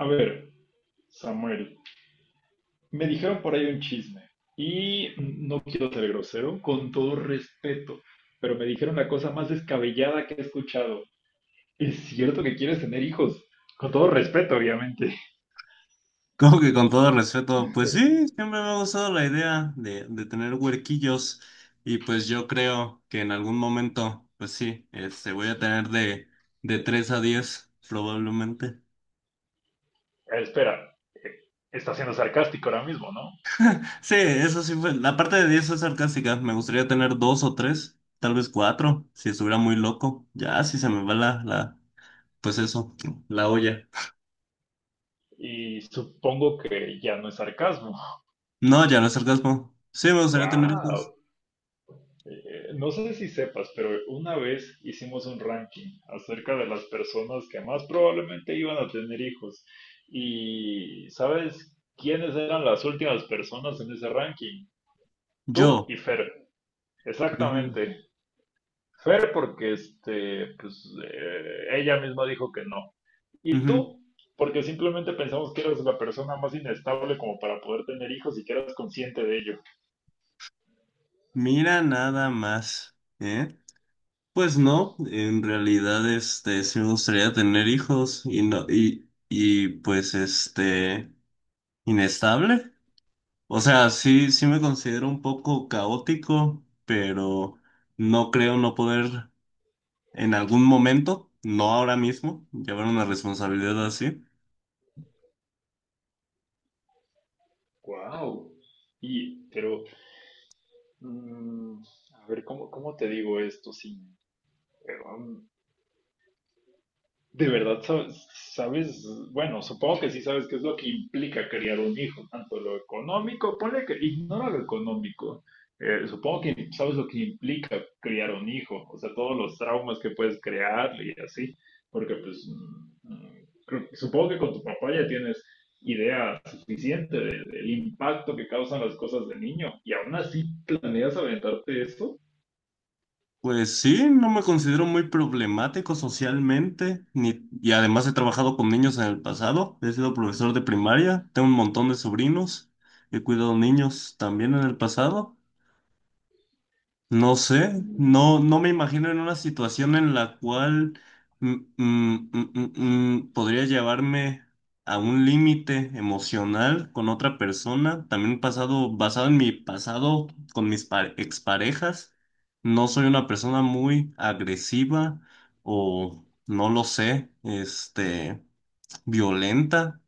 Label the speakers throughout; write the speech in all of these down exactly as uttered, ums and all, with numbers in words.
Speaker 1: A ver, Samuel, me dijeron por ahí un chisme y no quiero ser grosero, con todo respeto, pero me dijeron la cosa más descabellada que he escuchado. ¿Es cierto que quieres tener hijos? Con todo respeto, obviamente.
Speaker 2: Como que con todo respeto, pues sí, siempre me ha gustado la idea de, de tener huerquillos y pues yo creo que en algún momento, pues sí, este, voy a tener de, de tres a diez probablemente.
Speaker 1: Eh, Espera, eh, está siendo sarcástico ahora mismo, ¿no?
Speaker 2: Sí, eso sí fue, la parte de diez es sarcástica. Me gustaría tener dos o tres, tal vez cuatro, si estuviera muy loco, ya si se me va la, la, pues eso, la olla.
Speaker 1: Y supongo que ya no es sarcasmo.
Speaker 2: No, ya no es sarcasmo, sí, me gustaría tener hijos.
Speaker 1: Wow. Eh, no sé si sepas, pero una vez hicimos un ranking acerca de las personas que más probablemente iban a tener hijos. ¿Y sabes quiénes eran las últimas personas en ese ranking? Tú
Speaker 2: Yo,
Speaker 1: y Fer,
Speaker 2: ujú,
Speaker 1: exactamente. Fer porque este, pues, eh, ella misma dijo que no. Y
Speaker 2: ujú.
Speaker 1: tú porque simplemente pensamos que eras la persona más inestable como para poder tener hijos y que eras consciente de ello.
Speaker 2: Mira nada más, ¿eh? Pues no, en realidad este sí me gustaría tener hijos y no y y pues este inestable. O sea, sí sí me considero un poco caótico, pero no creo no poder en algún momento, no ahora mismo, llevar una responsabilidad así.
Speaker 1: Wow. Y, pero Mm, a ver, ¿cómo, cómo te digo esto? Sin eh, um, de verdad sabes, sabes, bueno, supongo que sí sabes qué es lo que implica criar un hijo, tanto lo económico, ponle que ignora lo económico. eh, supongo que sabes lo que implica criar un hijo, o sea, todos los traumas que puedes crear y así, porque pues mm, mm, creo- supongo que con tu papá ya tienes idea suficiente de- del impacto que causan las cosas de niño y aún así planeas aventarte esto.
Speaker 2: Pues sí, no me considero muy problemático socialmente, ni, y además he trabajado con niños en el pasado, he sido profesor de primaria, tengo un montón de sobrinos, he cuidado niños también en el pasado, no sé,
Speaker 1: Mm.
Speaker 2: no, no me imagino en una situación en la cual mm, mm, mm, mm, mm, podría llevarme a un límite emocional con otra persona, también pasado, basado en mi pasado con mis pa- exparejas. No soy una persona muy agresiva o no lo sé, este, violenta.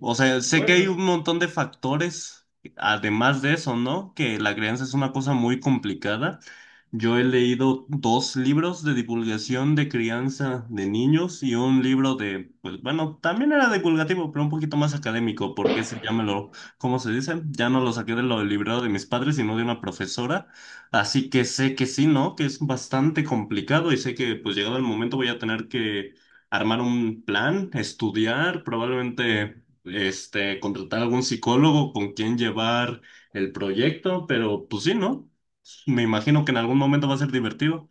Speaker 2: O sea, sé que
Speaker 1: Pues,
Speaker 2: hay
Speaker 1: es-
Speaker 2: un montón de factores, además de eso, ¿no? Que la crianza es una cosa muy complicada. Yo he leído dos libros de divulgación de crianza de niños y un libro de, pues bueno, también era divulgativo, pero un poquito más académico, porque ese ya me lo, ¿cómo se dice? Ya no lo saqué de lo del librero de mis padres, sino de una profesora. Así que sé que sí, ¿no? Que es bastante complicado y sé que pues llegado el momento voy a tener que armar un plan, estudiar, probablemente este, contratar algún psicólogo con quien llevar el proyecto, pero pues sí, ¿no? Me imagino que en algún momento va a ser divertido.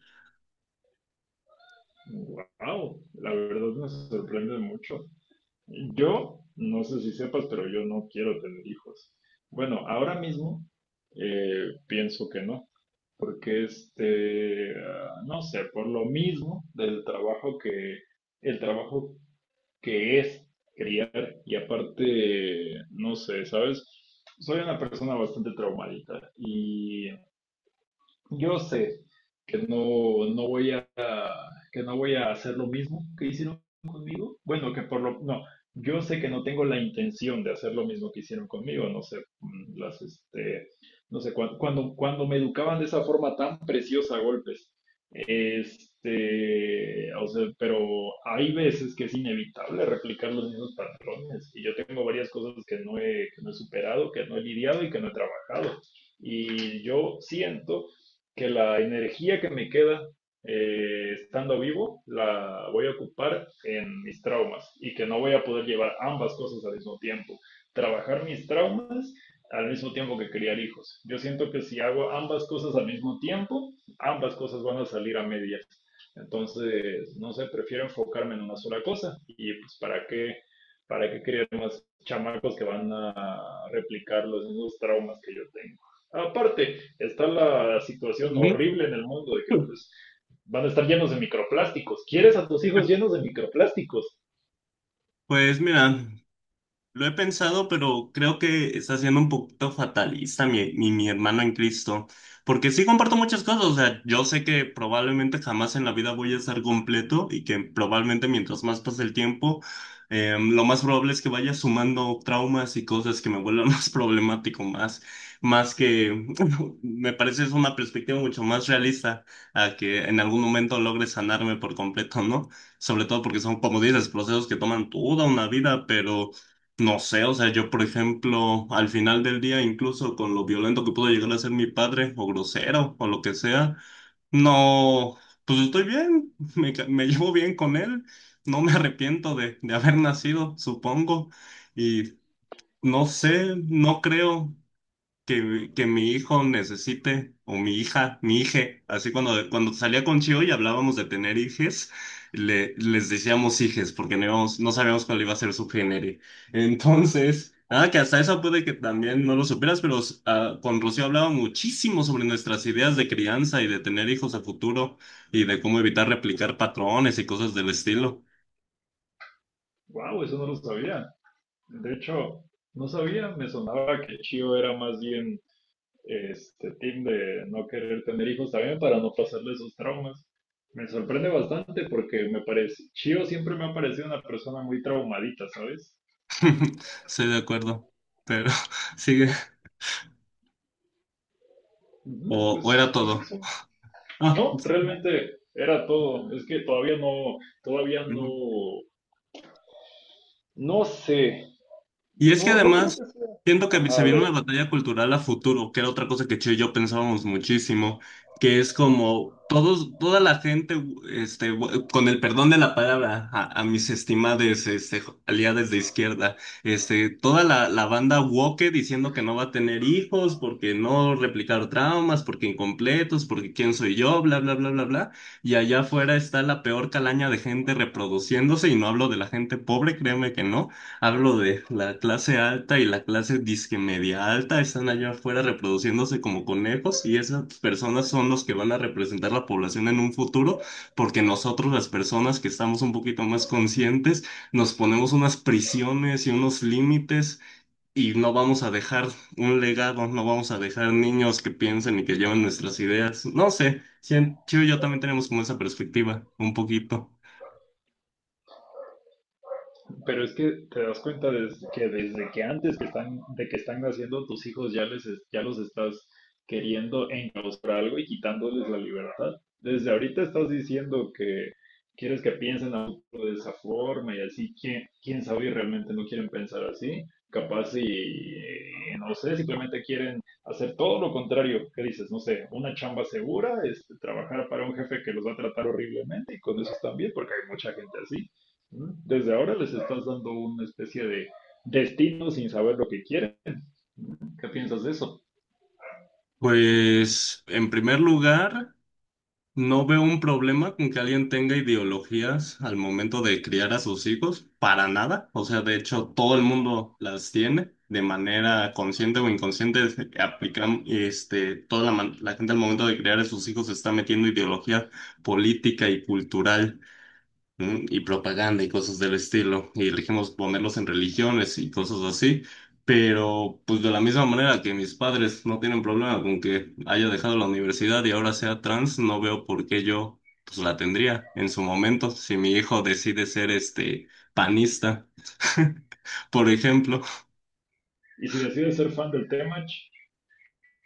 Speaker 1: wow, la verdad me sorprende mucho. Yo, no sé si sepas, pero yo no quiero tener hijos. Bueno, ahora mismo eh, pienso que no, porque este, ah, no sé, por lo mismo del trabajo que, el trabajo que es, y aparte, no sé, ¿sabes? Soy una persona bastante traumadita y yo sé que no, no voy que no voy a hacer lo mismo que hicieron conmigo. Bueno, que por lo... No, yo sé que no tengo la intención de hacer lo mismo que hicieron conmigo, no sé, mm, las, este, no sé, cuan- cuando, cuando me educaban de esa forma tan preciosa a golpes, este, o sea, pero hay veces que es inevitable replicar los mismos patrones y yo tengo varias cosas que no he, que no he superado, que no he lidiado y que no he trabajado. Y yo siento que la energía que me queda eh, estando vivo la voy a ocupar en mis traumas y que no voy a poder llevar ambas cosas al mismo tiempo. Trabajar mis traumas al mismo tiempo que criar hijos. Yo siento que si hago ambas cosas al mismo tiempo, ambas cosas van a salir a medias. Entonces, no sé, prefiero enfocarme en una sola cosa y pues para qué, para qué crear más chamacos que van a replicar los mismos traumas que yo tengo. Aparte, está la situación
Speaker 2: Ujú.
Speaker 1: horrible en el mundo de que pues van a estar llenos de microplásticos. ¿Quieres a tus hijos llenos de microplásticos?
Speaker 2: Pues mira. Lo he pensado, pero creo que está siendo un poquito fatalista mi, mi, mi hermano en Cristo, porque sí comparto muchas cosas, o sea, yo sé que probablemente jamás en la vida voy a estar completo y que probablemente mientras más pase el tiempo, eh, lo más probable es que vaya sumando traumas y cosas que me vuelvan más problemático, más, más que, me parece es una perspectiva mucho más realista a que en algún momento logre sanarme por completo, ¿no? Sobre todo porque son, como dices, procesos que toman toda una vida, pero. No sé, o sea, yo por ejemplo, al final del día, incluso con lo violento que pudo llegar a ser mi padre, o grosero, o lo que sea, no, pues estoy bien, me, ca- me llevo bien con él, no me arrepiento de, de haber nacido, supongo, y no sé, no creo que, mi- que mi hijo necesite, o mi hija, mi hije, así cuando, cuando salía con Chio y hablábamos de tener hijes, le, les decíamos hijes, porque no, íbamos- no sabíamos cuál iba a ser su género. Entonces, nada, que hasta eso puede que también no lo supieras, pero ah, con Rocío hablaba muchísimo sobre nuestras ideas de crianza y de tener hijos a futuro, y de cómo evitar replicar patrones y cosas del estilo.
Speaker 1: Wow, eso no lo sabía. De hecho, no sabía, me sonaba que Chio era más bien este team de no querer tener hijos también para no pasarle esos traumas. Me sorprende bastante porque me parece, Chio siempre me ha parecido una persona muy traumadita, ¿sabes?
Speaker 2: Estoy de acuerdo, pero sigue,
Speaker 1: Ujú.
Speaker 2: o,
Speaker 1: Pues,
Speaker 2: o era
Speaker 1: pues
Speaker 2: todo.
Speaker 1: eso.
Speaker 2: Ah.
Speaker 1: No, realmente era todo. Es que todavía no, todavía no, no sé,
Speaker 2: Y es que
Speaker 1: no, no creo que
Speaker 2: además
Speaker 1: sea.
Speaker 2: siento que
Speaker 1: Ajá,
Speaker 2: se
Speaker 1: a
Speaker 2: viene una
Speaker 1: ver.
Speaker 2: batalla cultural a futuro, que era otra cosa que Che y yo pensábamos muchísimo, que es como todos, toda la gente, este, bu- con el perdón de la palabra, a, a mis estimades este, jo- aliadas de izquierda, este, toda la, la banda woke diciendo que no va a tener hijos, porque no replicar traumas, porque incompletos, porque quién soy yo, bla, bla, bla, bla, bla. Y allá afuera está la peor calaña de gente reproduciéndose, y no hablo de la gente pobre, créeme que no. Hablo de la clase alta y la clase disque media alta están allá afuera reproduciéndose como conejos y esas personas son los que van a representar la población en un futuro porque nosotros las personas que estamos un poquito más conscientes nos ponemos unas prisiones y unos límites y no vamos a dejar un legado, no vamos a dejar niños que piensen y que lleven nuestras ideas. No sé, si Chivo y yo también tenemos como esa perspectiva, un poquito.
Speaker 1: Pero es que te das cuenta des- que desde que antes que están, de que están naciendo tus hijos ya les, es- ya los estás queriendo encauzar a algo y quitándoles la libertad. Desde ahorita estás diciendo que quieres que piensen a futuro de esa forma y así, ¿quién, quién sabe y realmente no quieren pensar así? Capaz y, eh, no sé, simplemente quieren hacer todo lo contrario. ¿Qué dices? No sé, una chamba segura, este, trabajar para un jefe que los va a tratar horriblemente y con eso están bien porque hay mucha gente así. ¿No? Desde ahora les estás dando una especie de destino sin saber lo que quieren. ¿No? ¿Qué piensas de eso?
Speaker 2: Pues en primer lugar. No veo un problema con que alguien tenga ideologías al momento de criar a sus hijos, para nada. O sea, de hecho, todo el mundo las tiene de manera consciente o inconsciente. Se Aplican, este, toda la, man- La gente al momento de criar a sus hijos se está metiendo ideología política y cultural, ¿no? Y propaganda y cosas del estilo, y elegimos ponerlos en religiones y cosas así, pero pues de la misma manera que mis padres no tienen problema con que haya dejado la universidad y ahora sea trans, no veo por qué yo pues la tendría en su momento, si mi hijo decide ser este panista, por ejemplo.
Speaker 1: Y si decides ser fan del Temach,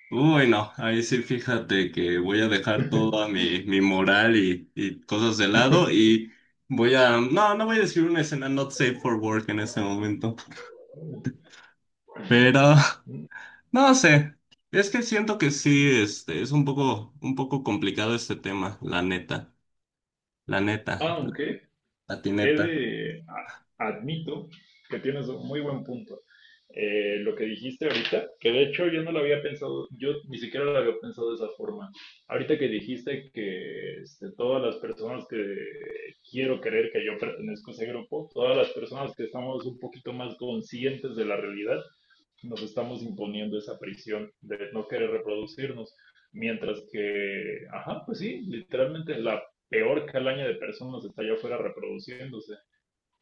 Speaker 2: Uy, no, ahí sí fíjate que voy a dejar toda mi, mi moral y, y cosas de lado y voy a. No, no voy a decir una escena not safe for work en este momento, pero no sé, es que siento que sí, este, es un poco, un poco complicado este tema, la neta, la neta, la
Speaker 1: aunque he
Speaker 2: patineta.
Speaker 1: de, a- admito que tienes un muy buen punto. Eh, lo que dijiste ahorita, que de hecho yo no lo había pensado, yo ni siquiera lo había pensado de esa forma. Ahorita que dijiste que este, todas las personas que quiero creer que yo pertenezco a ese grupo, todas las personas que estamos un poquito más conscientes de la realidad, nos estamos imponiendo esa prisión de no querer reproducirnos, mientras que, ajá, pues sí, literalmente la peor calaña de personas está allá afuera reproduciéndose.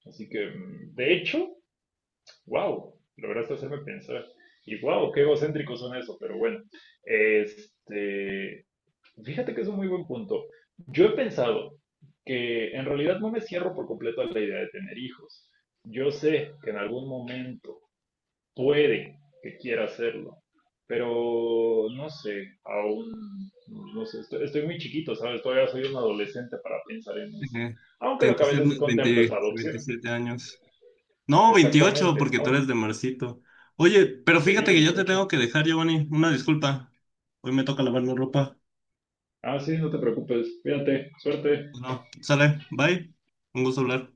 Speaker 1: Así que, mm, de hecho, wow, lograste hacerme pensar. Y wow, qué egocéntricos son eso, pero bueno, este, fíjate que es un muy buen punto. Yo he pensado que en realidad no me cierro por completo a la idea de tener hijos. Yo sé que en algún momento puede que quiera hacerlo, pero no sé, aún, no sé, estoy, estoy muy chiquito, ¿sabes? Todavía soy un adolescente para pensar en eso.
Speaker 2: Ujú. Te
Speaker 1: Aunque lo que a veces sí
Speaker 2: entusiasmas
Speaker 1: contemplo es
Speaker 2: veinte,
Speaker 1: la adopción,
Speaker 2: veintisiete años. No, veintiocho,
Speaker 1: exactamente.
Speaker 2: porque tú
Speaker 1: Aunque,
Speaker 2: eres de Marcito. Oye, pero
Speaker 1: sí,
Speaker 2: fíjate que yo te
Speaker 1: veintiocho.
Speaker 2: tengo que dejar, Giovanni. Una disculpa. Hoy me toca lavar la ropa.
Speaker 1: Ah, sí, no te preocupes, cuídate, suerte.
Speaker 2: No, sale. Bye. Un gusto hablar.